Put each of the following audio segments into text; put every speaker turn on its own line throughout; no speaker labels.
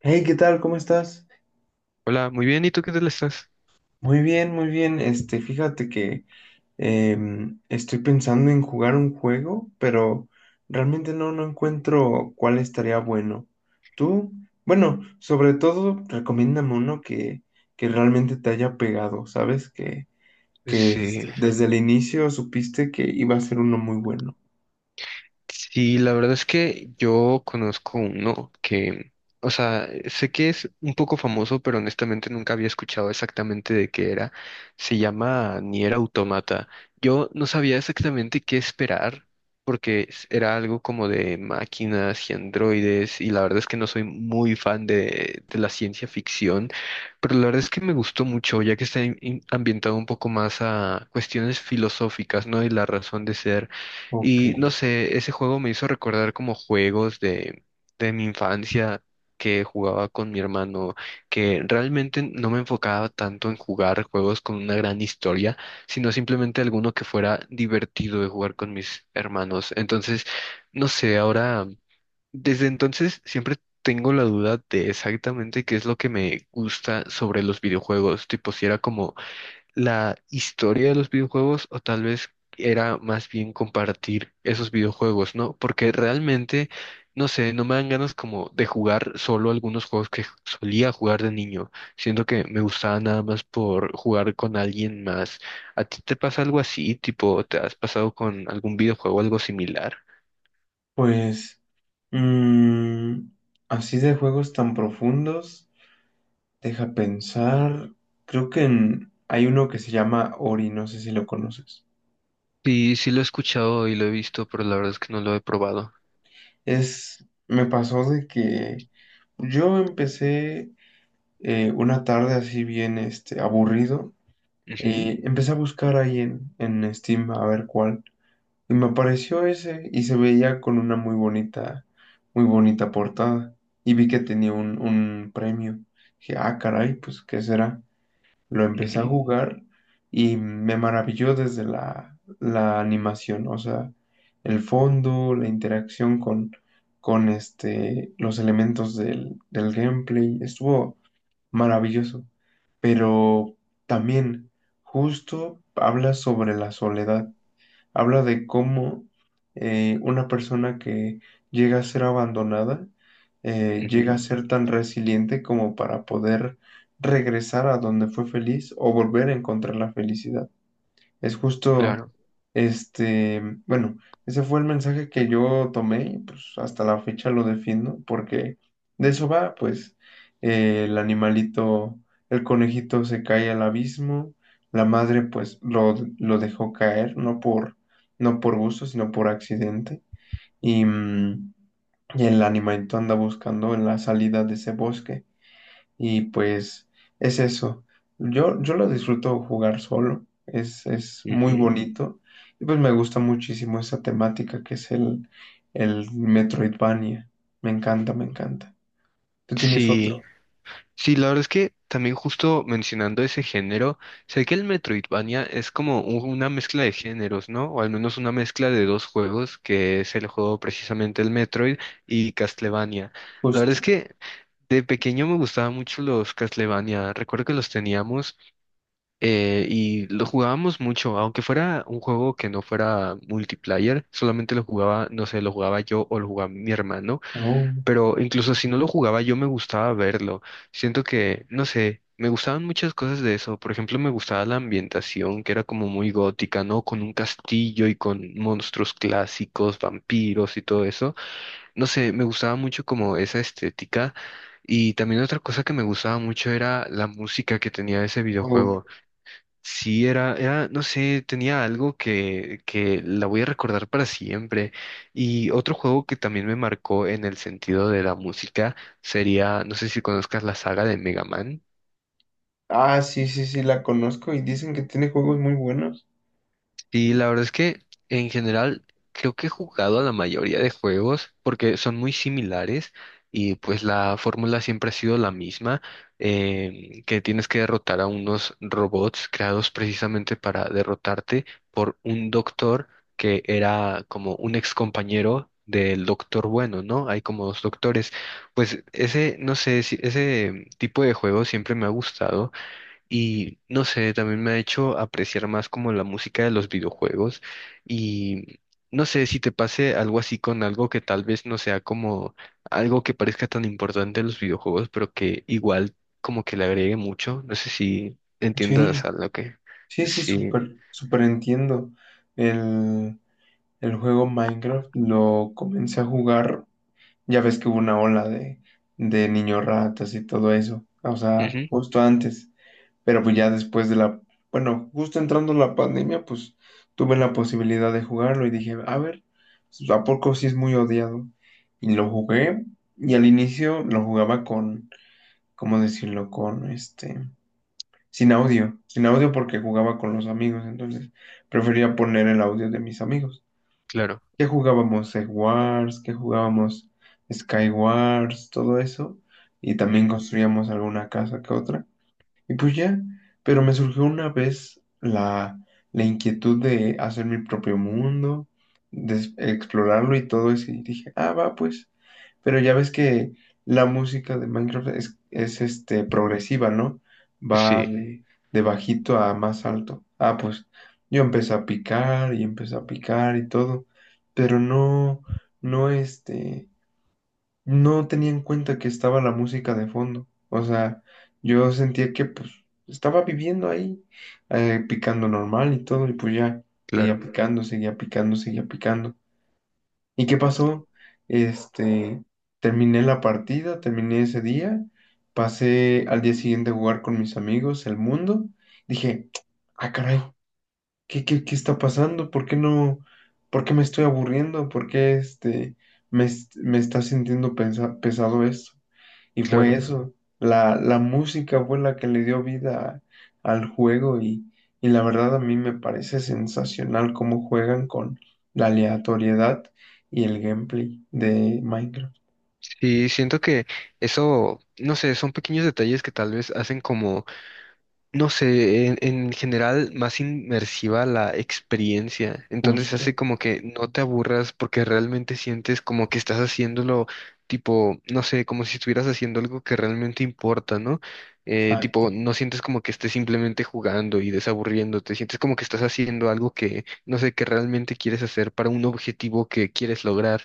Hey, ¿qué tal? ¿Cómo estás?
Hola, muy bien, ¿y tú qué tal estás?
Muy bien, muy bien. Fíjate que estoy pensando en jugar un juego, pero realmente no encuentro cuál estaría bueno. Tú, bueno, sobre todo, recomiéndame uno que realmente te haya pegado, ¿sabes? Que, que
Sí.
este, desde el inicio supiste que iba a ser uno muy bueno.
Sí, la verdad es que yo conozco uno que, o sea, sé que es un poco famoso, pero honestamente nunca había escuchado exactamente de qué era. Se llama Nier Automata. Yo no sabía exactamente qué esperar, porque era algo como de máquinas y androides, y la verdad es que no soy muy fan de la ciencia ficción, pero la verdad es que me gustó mucho, ya que está ambientado un poco más a cuestiones filosóficas, ¿no? Y la razón de ser.
Ok,
Y no sé, ese juego me hizo recordar como juegos de mi infancia que jugaba con mi hermano, que realmente no me enfocaba tanto en jugar juegos con una gran historia, sino simplemente alguno que fuera divertido de jugar con mis hermanos. Entonces, no sé, ahora, desde entonces siempre tengo la duda de exactamente qué es lo que me gusta sobre los videojuegos, tipo si era como la historia de los videojuegos o tal vez era más bien compartir esos videojuegos, ¿no? Porque realmente, no sé, no me dan ganas como de jugar solo algunos juegos que solía jugar de niño. Siento que me gustaba nada más por jugar con alguien más. ¿A ti te pasa algo así? Tipo, ¿te has pasado con algún videojuego algo similar?
pues, mm, así de juegos tan profundos. Deja pensar. Creo que hay uno que se llama Ori, no sé si lo conoces.
Sí, sí lo he escuchado y lo he visto, pero la verdad es que no lo he probado.
Es, me pasó de que yo empecé una tarde así bien aburrido. Empecé a buscar ahí en Steam a ver cuál. Y me apareció ese y se veía con una muy bonita portada. Y vi que tenía un premio. Dije, ah, caray, pues, ¿qué será? Lo
Ujú,
empecé a
ujú,
jugar y me maravilló desde la animación, o sea, el fondo, la interacción con los elementos del gameplay, estuvo maravilloso. Pero también justo habla sobre la soledad. Habla de cómo una persona que llega a ser abandonada, llega
ujú,
a ser tan resiliente como para poder regresar a donde fue feliz o volver a encontrar la felicidad. Es justo,
claro.
bueno, ese fue el mensaje que yo tomé y pues hasta la fecha lo defiendo, porque de eso va, pues el animalito, el conejito se cae al abismo, la madre pues lo dejó caer, no por gusto, sino por accidente, y, y el animalito anda buscando en la salida de ese bosque. Y pues es eso. Yo lo disfruto jugar solo, es muy
Ujú.
bonito. Y pues me gusta muchísimo esa temática que es el Metroidvania. Me encanta, me encanta. Tú tienes
Sí.
otro,
Sí, la verdad es que también justo mencionando ese género, sé que el Metroidvania es como una mezcla de géneros, ¿no? O al menos una mezcla de dos juegos, que es el juego precisamente el Metroid y Castlevania. La verdad es
justo.
que de pequeño me gustaban mucho los Castlevania, recuerdo que los teníamos y lo jugábamos mucho, aunque fuera un juego que no fuera multiplayer, solamente lo jugaba, no sé, lo jugaba yo o lo jugaba mi hermano,
Oh.
pero incluso si no lo jugaba, yo me gustaba verlo. Siento que, no sé, me gustaban muchas cosas de eso. Por ejemplo, me gustaba la ambientación, que era como muy gótica, ¿no? Con un castillo y con monstruos clásicos, vampiros y todo eso. No sé, me gustaba mucho como esa estética. Y también otra cosa que me gustaba mucho era la música que tenía ese
Uf.
videojuego. Sí, era, era, no sé, tenía algo que la voy a recordar para siempre. Y otro juego que también me marcó en el sentido de la música sería, no sé si conozcas la saga de Mega Man.
Ah, sí, sí, sí, la conozco y dicen que tiene juegos muy buenos.
Y la verdad es que en general creo que he jugado a la mayoría de juegos porque son muy similares y pues la fórmula siempre ha sido la misma, que tienes que derrotar a unos robots creados precisamente para derrotarte por un doctor que era como un ex compañero del doctor bueno, ¿no? Hay como dos doctores. Pues ese, no sé, ese tipo de juego siempre me ha gustado y no sé, también me ha hecho apreciar más como la música de los videojuegos y no sé si te pase algo así con algo que tal vez no sea como algo que parezca tan importante en los videojuegos, pero que igual como que le agregue mucho. No sé si entiendas
Sí,
a lo que...
sí, sí,
Sí,
súper, súper entiendo. El, el juego Minecraft lo comencé a jugar. Ya ves que hubo una ola de niños ratas y todo eso, o sea,
ujú,
justo antes, pero pues ya después de bueno, justo entrando la pandemia, pues tuve la posibilidad de jugarlo y dije, a ver, pues, ¿a poco sí es muy odiado? Y lo jugué y al inicio lo jugaba con, ¿cómo decirlo? Con sin audio, sin audio porque jugaba con los amigos, entonces prefería poner el audio de mis amigos.
claro,
¿Qué jugábamos? Egg Wars, ¿qué jugábamos? Sky Wars, todo eso. Y también
mm,
construíamos alguna casa que otra. Y pues ya, pero me surgió una vez la inquietud de hacer mi propio mundo, de explorarlo y todo eso, y dije, ah, va, pues, pero ya ves que la música de Minecraft es progresiva, ¿no? Va
sí,
de bajito a más alto. Ah, pues, yo empecé a picar y empecé a picar y todo, pero no no tenía en cuenta que estaba la música de fondo. O sea, yo sentía que pues estaba viviendo ahí, picando normal y todo, y pues ya, seguía
claro,
picando, seguía picando, seguía picando. ¿Y qué pasó? Este, Terminé la partida, terminé ese día, pasé al día siguiente a jugar con mis amigos, el mundo, dije, ah, caray, ¿qué está pasando? ¿Por qué no, por qué me estoy aburriendo? ¿Por qué este... Me, me está sintiendo pesado esto. Y
claro.
fue eso, la música fue la que le dio vida al juego y la verdad a mí me parece sensacional cómo juegan con la aleatoriedad y el gameplay de Minecraft.
Sí, siento que eso, no sé, son pequeños detalles que tal vez hacen como no sé, en general más inmersiva la experiencia. Entonces
Justo,
hace como que no te aburras porque realmente sientes como que estás haciéndolo, tipo, no sé, como si estuvieras haciendo algo que realmente importa, ¿no?
exacto.
Tipo, no sientes como que estés simplemente jugando y desaburriéndote, sientes como que estás haciendo algo que, no sé, que realmente quieres hacer para un objetivo que quieres lograr.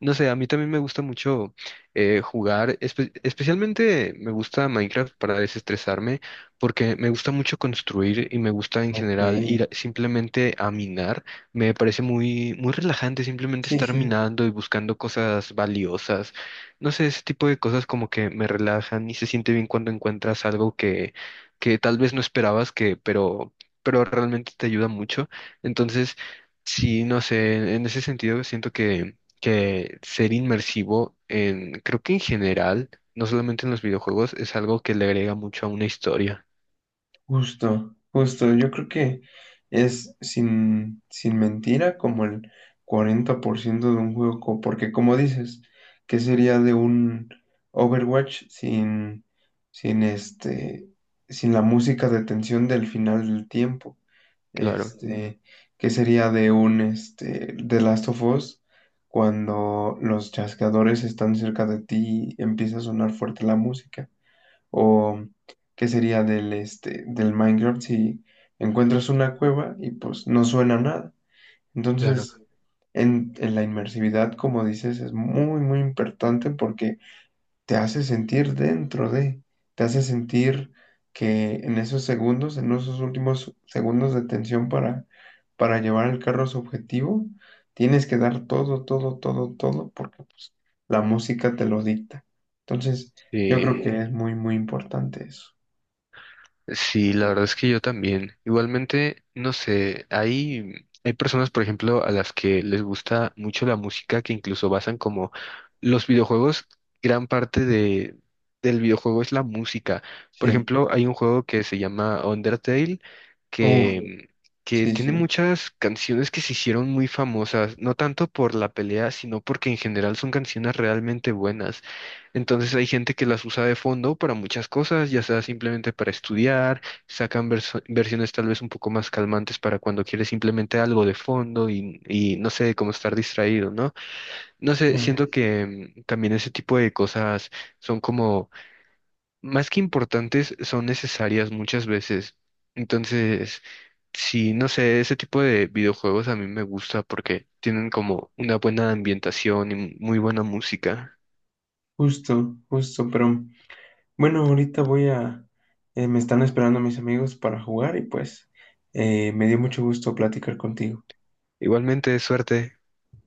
No sé, a mí también me gusta mucho jugar, especialmente me gusta Minecraft para desestresarme, porque me gusta mucho construir y me gusta en
Ok,
general
sí,
simplemente a minar. Me parece muy, muy relajante simplemente estar
sí.
minando y buscando cosas valiosas. No sé, ese tipo de cosas como que me relajan y se siente bien cuando encuentras algo que tal vez no esperabas que, pero realmente te ayuda mucho. Entonces, sí, no sé, en ese sentido siento que ser inmersivo en, creo que en general, no solamente en los videojuegos, es algo que le agrega mucho a una historia.
Justo, justo. Yo creo que es sin mentira como el 40% de un juego, porque como dices, ¿qué sería de un Overwatch sin sin la música de tensión del final del tiempo?
Claro,
Este, ¿qué sería de un este, The Last of Us cuando los chasqueadores están cerca de ti y empieza a sonar fuerte la música? O qué sería del, este, del Minecraft si encuentras una cueva y pues no suena nada.
claro.
Entonces, en la inmersividad, como dices, es muy, muy importante porque te hace sentir dentro de, te hace sentir que en esos segundos, en esos últimos segundos de tensión para llevar el carro a su objetivo, tienes que dar todo, todo, todo, todo, porque pues, la música te lo dicta. Entonces, yo
Sí.
creo que sí, es muy, muy importante eso.
Sí, la verdad es que yo también. Igualmente, no sé, hay personas, por ejemplo, a las que les gusta mucho la música, que incluso basan como los videojuegos, gran parte del videojuego es la música. Por
Sí,
ejemplo, hay un juego que se llama Undertale,
uf,
que, que
sí,
tiene
sí.
muchas canciones que se hicieron muy famosas, no tanto por la pelea, sino porque en general son canciones realmente buenas. Entonces hay gente que las usa de fondo para muchas cosas, ya sea simplemente para estudiar, sacan versiones tal vez un poco más calmantes para cuando quieres simplemente algo de fondo y no sé, cómo estar distraído, ¿no? No sé,
Claro.
siento que también ese tipo de cosas son como, más que importantes, son necesarias muchas veces. Entonces, sí, no sé, ese tipo de videojuegos a mí me gusta porque tienen como una buena ambientación y muy buena música.
Justo, justo, pero bueno, ahorita voy a, me están esperando mis amigos para jugar y pues me dio mucho gusto platicar contigo.
Igualmente, suerte.